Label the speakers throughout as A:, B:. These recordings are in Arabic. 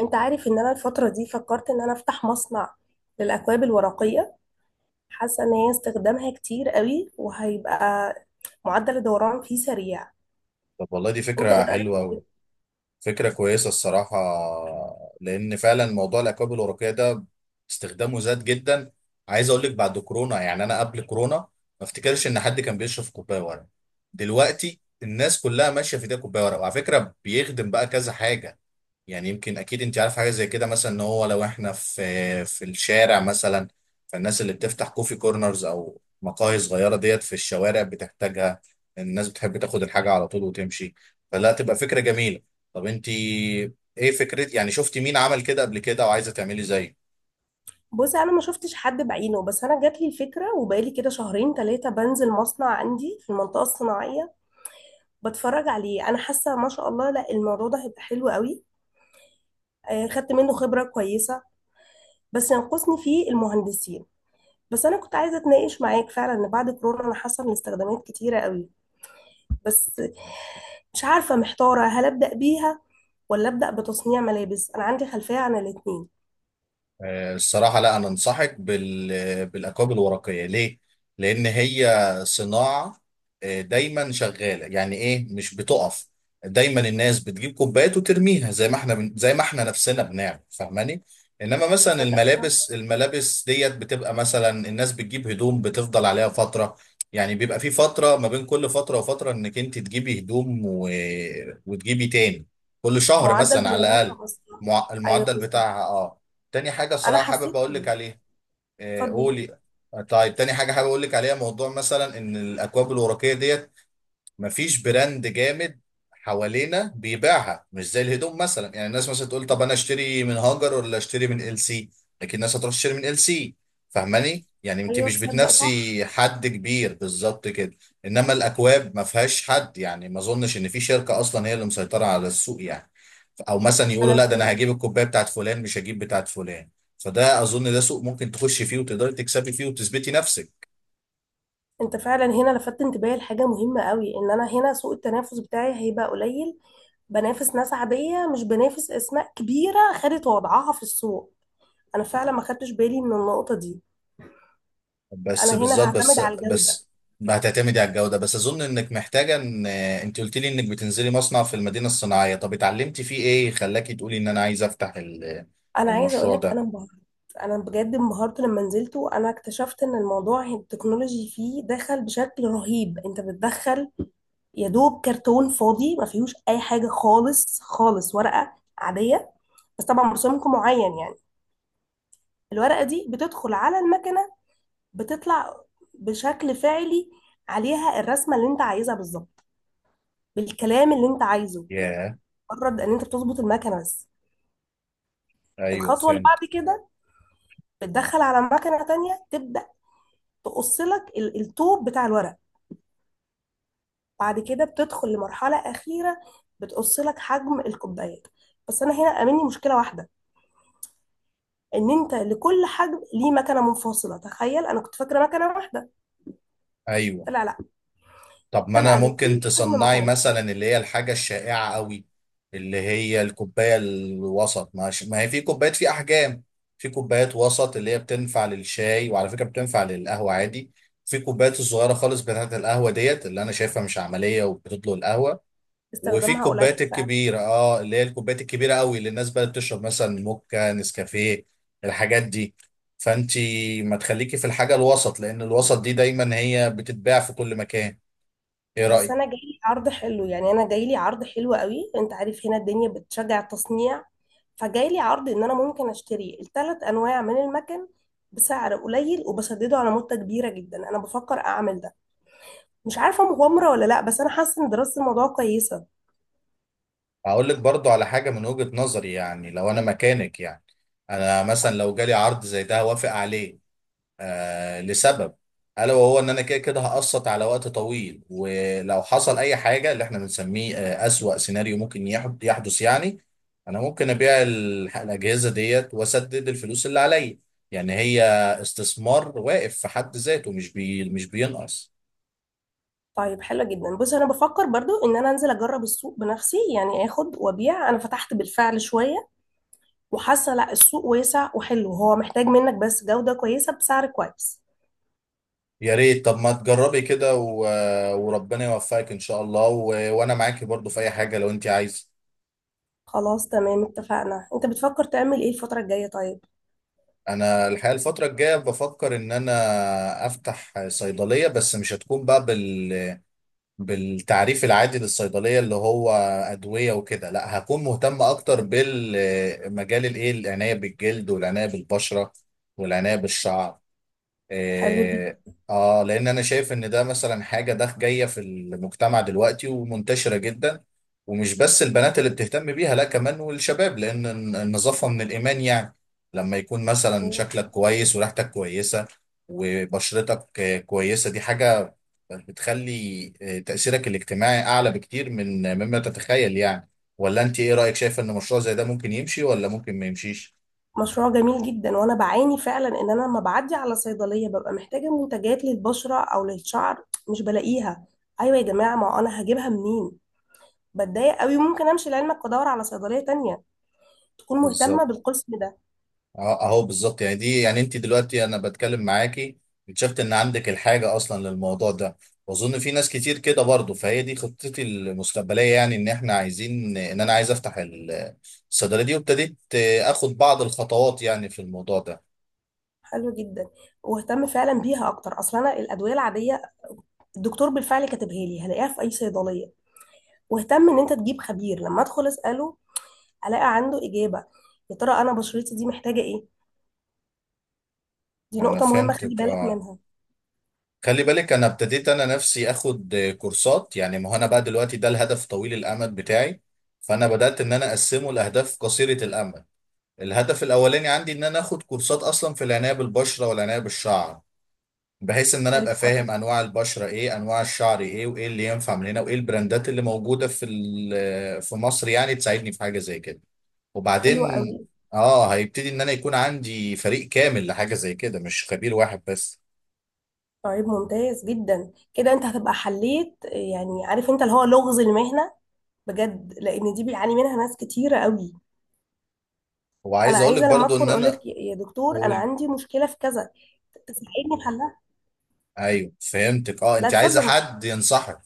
A: انت عارف ان انا الفترة دي فكرت ان انا افتح مصنع للاكواب الورقية. حاسة ان هي استخدامها كتير قوي وهيبقى معدل الدوران فيه سريع.
B: طب والله دي
A: انت ايه
B: فكرة
A: رأيك
B: حلوة
A: في
B: أوي.
A: كده؟
B: فكرة كويسة الصراحة، لأن فعلا موضوع الأكواب الورقية ده استخدامه زاد جدا. عايز أقول لك بعد كورونا، يعني أنا قبل كورونا ما افتكرش إن حد كان بيشرب كوباية ورق. دلوقتي الناس كلها ماشية في ده، كوباية ورق، وعلى فكرة بيخدم بقى كذا حاجة. يعني يمكن اكيد انت عارف حاجه زي كده، مثلا ان هو لو احنا في الشارع مثلا، فالناس اللي بتفتح كوفي كورنرز او مقاهي صغيره ديت في الشوارع بتحتاجها. الناس بتحب تاخد الحاجه على طول وتمشي، فلا تبقى فكره جميله. طب انت ايه فكرة، يعني شفتي مين عمل كده قبل كده وعايزه تعملي زيه؟
A: بص انا ما شفتش حد بعينه، بس انا جات لي الفكرة وبقالي كده شهرين ثلاثة بنزل مصنع عندي في المنطقة الصناعية بتفرج عليه. انا حاسة ما شاء الله لا الموضوع ده هيبقى حلو قوي. خدت منه خبرة كويسة، بس ينقصني فيه المهندسين. بس انا كنت عايزة اتناقش معاك فعلا ان بعد كورونا انا حاسة ان الاستخدامات كتيرة قوي. بس مش عارفة، محتارة هل أبدأ بيها ولا أبدأ بتصنيع ملابس. أنا عندي خلفية عن الاتنين.
B: الصراحة لا، أنا أنصحك بالأكواب الورقية. ليه؟ لأن هي صناعة، دايما شغالة، يعني إيه، مش بتقف. دايما الناس بتجيب كوبايات وترميها زي ما زي ما إحنا نفسنا بنعمل، فاهماني؟ إنما مثلا
A: تصدق فعلا؟
B: الملابس، ديت بتبقى مثلا الناس بتجيب هدوم بتفضل عليها فترة. يعني بيبقى في فترة ما بين كل فترة وفترة إنك أنت تجيبي هدوم و... وتجيبي تاني، كل شهر
A: معدل
B: مثلا على الأقل.
A: بلغتها أصلا. أيوه
B: المعدل
A: بالظبط.
B: بتاعها، اه. تاني حاجة
A: أنا
B: صراحة حابب
A: حسيت
B: أقول لك
A: كده.
B: عليها.
A: اتفضل.
B: قولي. طيب، تاني حاجة حابب أقول لك عليها، موضوع مثلا إن الأكواب الورقية ديت مفيش براند جامد حوالينا بيبيعها، مش زي الهدوم مثلا. يعني الناس مثلا تقول طب أنا أشتري من هاجر ولا أشتري من ال سي، لكن الناس هتروح تشتري من ال سي. فاهماني؟ يعني أنت
A: أيوه
B: مش
A: تصدق، صح.
B: بتنافسي حد كبير بالظبط كده. إنما الأكواب ما فيهاش حد، يعني ما أظنش إن في شركة أصلا هي اللي مسيطرة على السوق يعني، او مثلا يقولوا
A: أنا
B: لا ده انا
A: إزاي.
B: هجيب الكوبايه بتاعت فلان مش هجيب بتاعت فلان. فده اظن ده سوق ممكن تخش فيه وتقدري تكسبي فيه وتثبتي نفسك.
A: أنت فعلا هنا لفت انتباهي لحاجة مهمة قوي، إن أنا هنا سوق التنافس بتاعي هيبقى قليل. بنافس ناس عادية، مش بنافس أسماء كبيرة خدت وضعها في السوق. أنا فعلا ما خدتش بالي من النقطة دي. أنا
B: بس
A: هنا
B: بالظبط.
A: هعتمد
B: بس
A: على الجودة.
B: بس ما هتعتمدي على الجوده بس، اظن انك محتاجه، ان انت قلت لي انك بتنزلي مصنع في المدينه الصناعيه، طب اتعلمتي فيه ايه خلاكي تقولي ان انا عايزه افتح
A: انا عايزه اقول
B: المشروع
A: لك انا
B: ده؟
A: انبهرت. انا بجد انبهرت لما نزلت وانا اكتشفت ان الموضوع التكنولوجي فيه دخل بشكل رهيب. انت بتدخل يا دوب كرتون فاضي ما فيهوش اي حاجه خالص خالص، ورقه عاديه، بس طبعا برسومكم معين يعني. الورقه دي بتدخل على المكنه، بتطلع بشكل فعلي عليها الرسمه اللي انت عايزها بالظبط، بالكلام اللي انت عايزه.
B: ياه.
A: مجرد ان انت بتظبط المكنه بس.
B: ايوه
A: الخطوه اللي
B: فهمت.
A: بعد كده بتدخل على مكنه تانية، تبدا تقص لك الطوب بتاع الورق. بعد كده بتدخل لمرحلة أخيرة، بتقص لك حجم الكوبايات. بس أنا هنا قابلني مشكلة واحدة، إن أنت لكل حجم ليه مكنة منفصلة. تخيل أنا كنت فاكرة مكنة واحدة،
B: ايوه،
A: طلع لأ.
B: طب ما انا
A: طلع
B: ممكن
A: لكل حجم
B: تصنعي
A: مكنة.
B: مثلا اللي هي الحاجه الشائعه قوي، اللي هي الكوبايه الوسط. ما هي في كوبايات، في احجام. في كوبايات وسط اللي هي بتنفع للشاي، وعلى فكره بتنفع للقهوه عادي. في كوبايات الصغيره خالص بتاعت القهوه ديت، اللي انا شايفها مش عمليه وبتطلق القهوه. وفي
A: استخدامها قليل
B: الكوبايات
A: فعلا.
B: الكبيره، اه، اللي هي الكوبايات الكبيره قوي، اللي الناس بقى بتشرب مثلا موكا، نسكافيه، الحاجات دي. فانتي ما تخليكي في الحاجه الوسط، لان الوسط دي دايما هي بتتباع في كل مكان. ايه
A: بس
B: رايك؟
A: أنا جايلي عرض حلو، يعني أنا جايلي عرض حلو قوي. أنت عارف هنا الدنيا بتشجع التصنيع، فجايلي عرض إن أنا ممكن أشتري الثلاث أنواع من المكن بسعر قليل وبسدده على مدة كبيرة جدا. أنا بفكر أعمل ده. مش عارفة مغامرة ولا لا، بس أنا حاسة إن دراسة الموضوع كويسة.
B: هقول لك برضو على حاجة من وجهة نظري، يعني لو أنا مكانك، يعني أنا مثلا لو جالي عرض زي ده هوافق عليه. لسبب، ألا وهو إن أنا كده كده هقسط على وقت طويل، ولو حصل أي حاجة اللي إحنا بنسميه أسوأ سيناريو ممكن يحدث، يعني أنا ممكن أبيع الأجهزة ديت وأسدد الفلوس اللي عليا. يعني هي استثمار واقف في حد ذاته، مش بينقص.
A: طيب حلو جدا. بص أنا بفكر برضو إن أنا أنزل أجرب السوق بنفسي، يعني آخد وأبيع. أنا فتحت بالفعل شوية وحاسة لا السوق واسع وحلو، هو محتاج منك بس جودة كويسة بسعر كويس.
B: يا ريت، طب ما تجربي كده و... وربنا يوفقك ان شاء الله، و... وانا معاكي برضو في اي حاجه لو انت عايزه.
A: خلاص تمام، اتفقنا. أنت بتفكر تعمل إيه الفترة الجاية؟ طيب
B: انا الحقيقه الفتره الجايه بفكر ان انا افتح صيدليه، بس مش هتكون بقى بالتعريف العادي للصيدليه، اللي هو ادويه وكده. لا، هكون مهتم اكتر بالمجال، الايه، العنايه بالجلد والعنايه بالبشره والعنايه بالشعر.
A: حلو
B: إيه،
A: جدا.
B: اه، لان انا شايف ان ده مثلا حاجه ده جايه في المجتمع دلوقتي ومنتشره جدا. ومش بس البنات اللي بتهتم بيها، لا، كمان والشباب، لان النظافه من الايمان يعني. لما يكون مثلا شكلك كويس وريحتك كويسه وبشرتك كويسه، دي حاجه بتخلي تاثيرك الاجتماعي اعلى بكتير من مما تتخيل يعني. ولا انت ايه رايك؟ شايف ان مشروع زي ده ممكن يمشي ولا ممكن ما يمشيش؟
A: مشروع جميل جدا، وأنا بعاني فعلا إن أنا لما بعدي على صيدلية ببقى محتاجة منتجات للبشرة أو للشعر، مش بلاقيها. أيوة يا جماعة، ما أنا هجيبها منين؟ بتضايق قوي. ممكن امشي لعلمك وادور على صيدليه تانية تكون مهتمه
B: بالظبط.
A: بالقسم ده.
B: اهو بالظبط. يعني دي، يعني انت دلوقتي انا بتكلم معاكي اكتشفت ان عندك الحاجه اصلا للموضوع ده، واظن في ناس كتير كده برضه. فهي دي خطتي المستقبليه، يعني ان احنا عايزين، ان انا عايز افتح الصيدليه دي، وابتديت اخد بعض الخطوات يعني في الموضوع ده.
A: حلو جدا. واهتم فعلا بيها اكتر، اصلا انا الادويه العاديه الدكتور بالفعل كاتبها لي هلاقيها في اي صيدليه. واهتم ان انت تجيب خبير لما ادخل اساله الاقي عنده اجابه. يا ترى انا بشرتي دي محتاجه ايه. دي
B: انا
A: نقطه مهمه، خلي
B: فهمتك،
A: بالك
B: اه.
A: منها.
B: خلي بالك، انا ابتديت انا نفسي اخد كورسات، يعني ما هو انا بقى دلوقتي ده الهدف طويل الامد بتاعي، فانا بدات ان انا اقسمه لاهداف قصيره الامد. الهدف الاولاني عندي ان انا اخد كورسات اصلا في العنايه بالبشره والعنايه بالشعر، بحيث ان انا ابقى
A: طيب
B: فاهم
A: كويس.
B: انواع البشره ايه، انواع الشعر ايه، وايه اللي ينفع من هنا، وايه البراندات اللي موجوده في في مصر، يعني تساعدني في حاجه زي كده.
A: حلو
B: وبعدين،
A: قوي.
B: اه، هيبتدي ان انا يكون عندي فريق كامل لحاجه زي كده، مش خبير واحد بس.
A: طيب ممتاز جدا. كده انت هتبقى حليت يعني عارف انت اللي هو لغز المهنه، بجد، لان دي بيعاني منها ناس كتيره قوي. انا
B: وعايز اقول لك
A: عايزه لما
B: برضو
A: ادخل
B: ان
A: اقول
B: انا
A: لك يا دكتور انا
B: اقول.
A: عندي مشكله في كذا، تساعدني في حلها.
B: ايوه فهمتك، اه،
A: لا
B: انت عايزه
A: اتفضل.
B: حد ينصحك.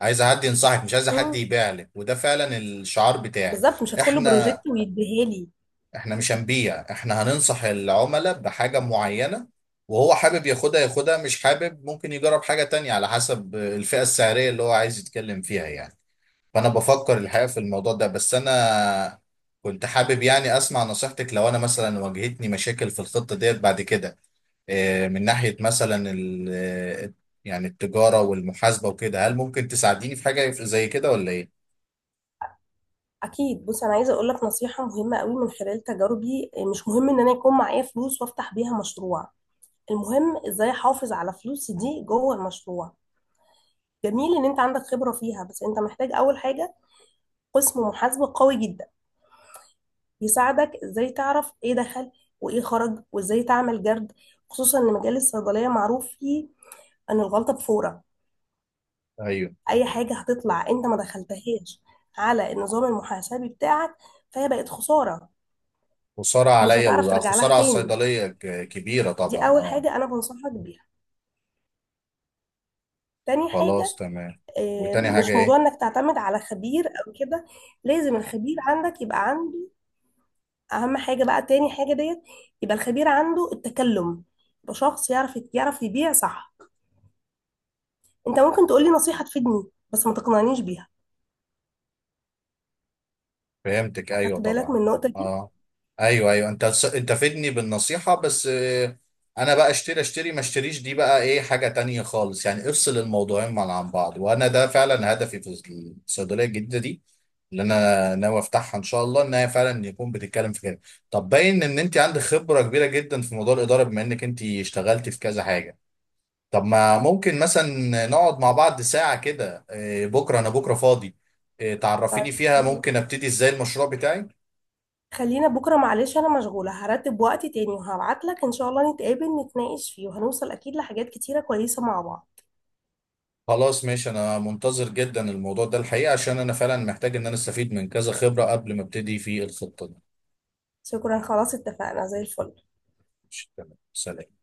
B: عايزه حد ينصحك، مش عايزه حد
A: مم.
B: يبيع لك، وده فعلا الشعار بتاعي.
A: بالظبط، مش هدخل له
B: احنا
A: بروجكت ويديها لي.
B: احنا مش هنبيع، احنا هننصح العملاء بحاجة معينة، وهو حابب ياخدها ياخدها، مش حابب ممكن يجرب حاجة تانية على حسب الفئة السعرية اللي هو عايز يتكلم فيها يعني. فأنا بفكر الحقيقة في الموضوع ده، بس أنا كنت حابب يعني أسمع نصيحتك لو أنا مثلا واجهتني مشاكل في الخطة ديت بعد كده، اه، من ناحية مثلا اه، يعني التجارة والمحاسبة وكده. هل ممكن تساعديني في حاجة زي كده ولا إيه؟
A: اكيد. بص انا عايزه اقول لك نصيحه مهمه قوي من خلال تجاربي، مش مهم ان انا يكون معايا فلوس وافتح بيها مشروع. المهم ازاي احافظ على فلوسي دي جوه المشروع. جميل ان انت عندك خبره فيها، بس انت محتاج اول حاجه قسم محاسبه قوي جدا، يساعدك ازاي تعرف ايه دخل وايه خرج وازاي تعمل جرد. خصوصا ان مجال الصيدليه معروف فيه ان الغلطه بفوره.
B: أيوه.
A: اي حاجه هتطلع انت ما دخلتهاش على النظام المحاسبي بتاعك، فهي بقت خساره،
B: خسارة
A: ومش
B: عليا
A: هتعرف ترجع لها
B: وخسارة على
A: تاني.
B: الصيدلية كبيرة
A: دي
B: طبعا،
A: اول
B: اه.
A: حاجه انا بنصحك بيها. تاني
B: خلاص
A: حاجة،
B: تمام. وتاني حاجة
A: مش موضوع
B: ايه؟
A: انك تعتمد على خبير او كده. لازم الخبير عندك يبقى عنده اهم حاجة. بقى تاني حاجة ديت، يبقى الخبير عنده التكلم، يبقى شخص يعرف يبيع صح. انت ممكن تقولي نصيحة تفيدني، بس ما تقنعنيش بيها.
B: فهمتك،
A: اخدت
B: ايوه
A: بالك من
B: طبعا،
A: النقطة دي؟
B: اه. ايوه انت انت فدني بالنصيحة، بس انا بقى اشتري اشتري ما اشتريش دي بقى ايه حاجة تانية خالص، يعني افصل الموضوعين عن بعض. وانا ده فعلا هدفي في الصيدلية الجديدة دي، اللي انا ناوي افتحها ان شاء الله، ان هي فعلا يكون بتتكلم في كده. طب باين ان انت عندك خبرة كبيرة جدا في موضوع الإدارة، بما انك انت اشتغلتي في كذا حاجة. طب ما ممكن مثلا نقعد مع بعض ساعة كده، بكرة، أنا بكرة فاضي، تعرفيني فيها
A: طيب
B: ممكن أبتدي إزاي المشروع بتاعي.
A: خلينا بكرة، معلش أنا مشغولة. هرتب وقت تاني وهبعتلك إن شاء الله، نتقابل نتناقش فيه وهنوصل أكيد لحاجات كتيرة كويسة مع بعض.
B: خلاص ماشي، أنا منتظر جدا الموضوع ده الحقيقة، عشان أنا فعلا محتاج إن أنا أستفيد من كذا خبرة قبل ما أبتدي في الخطة دي.
A: شكرا، خلاص اتفقنا زي الفل.
B: ماشي، تمام، سلام.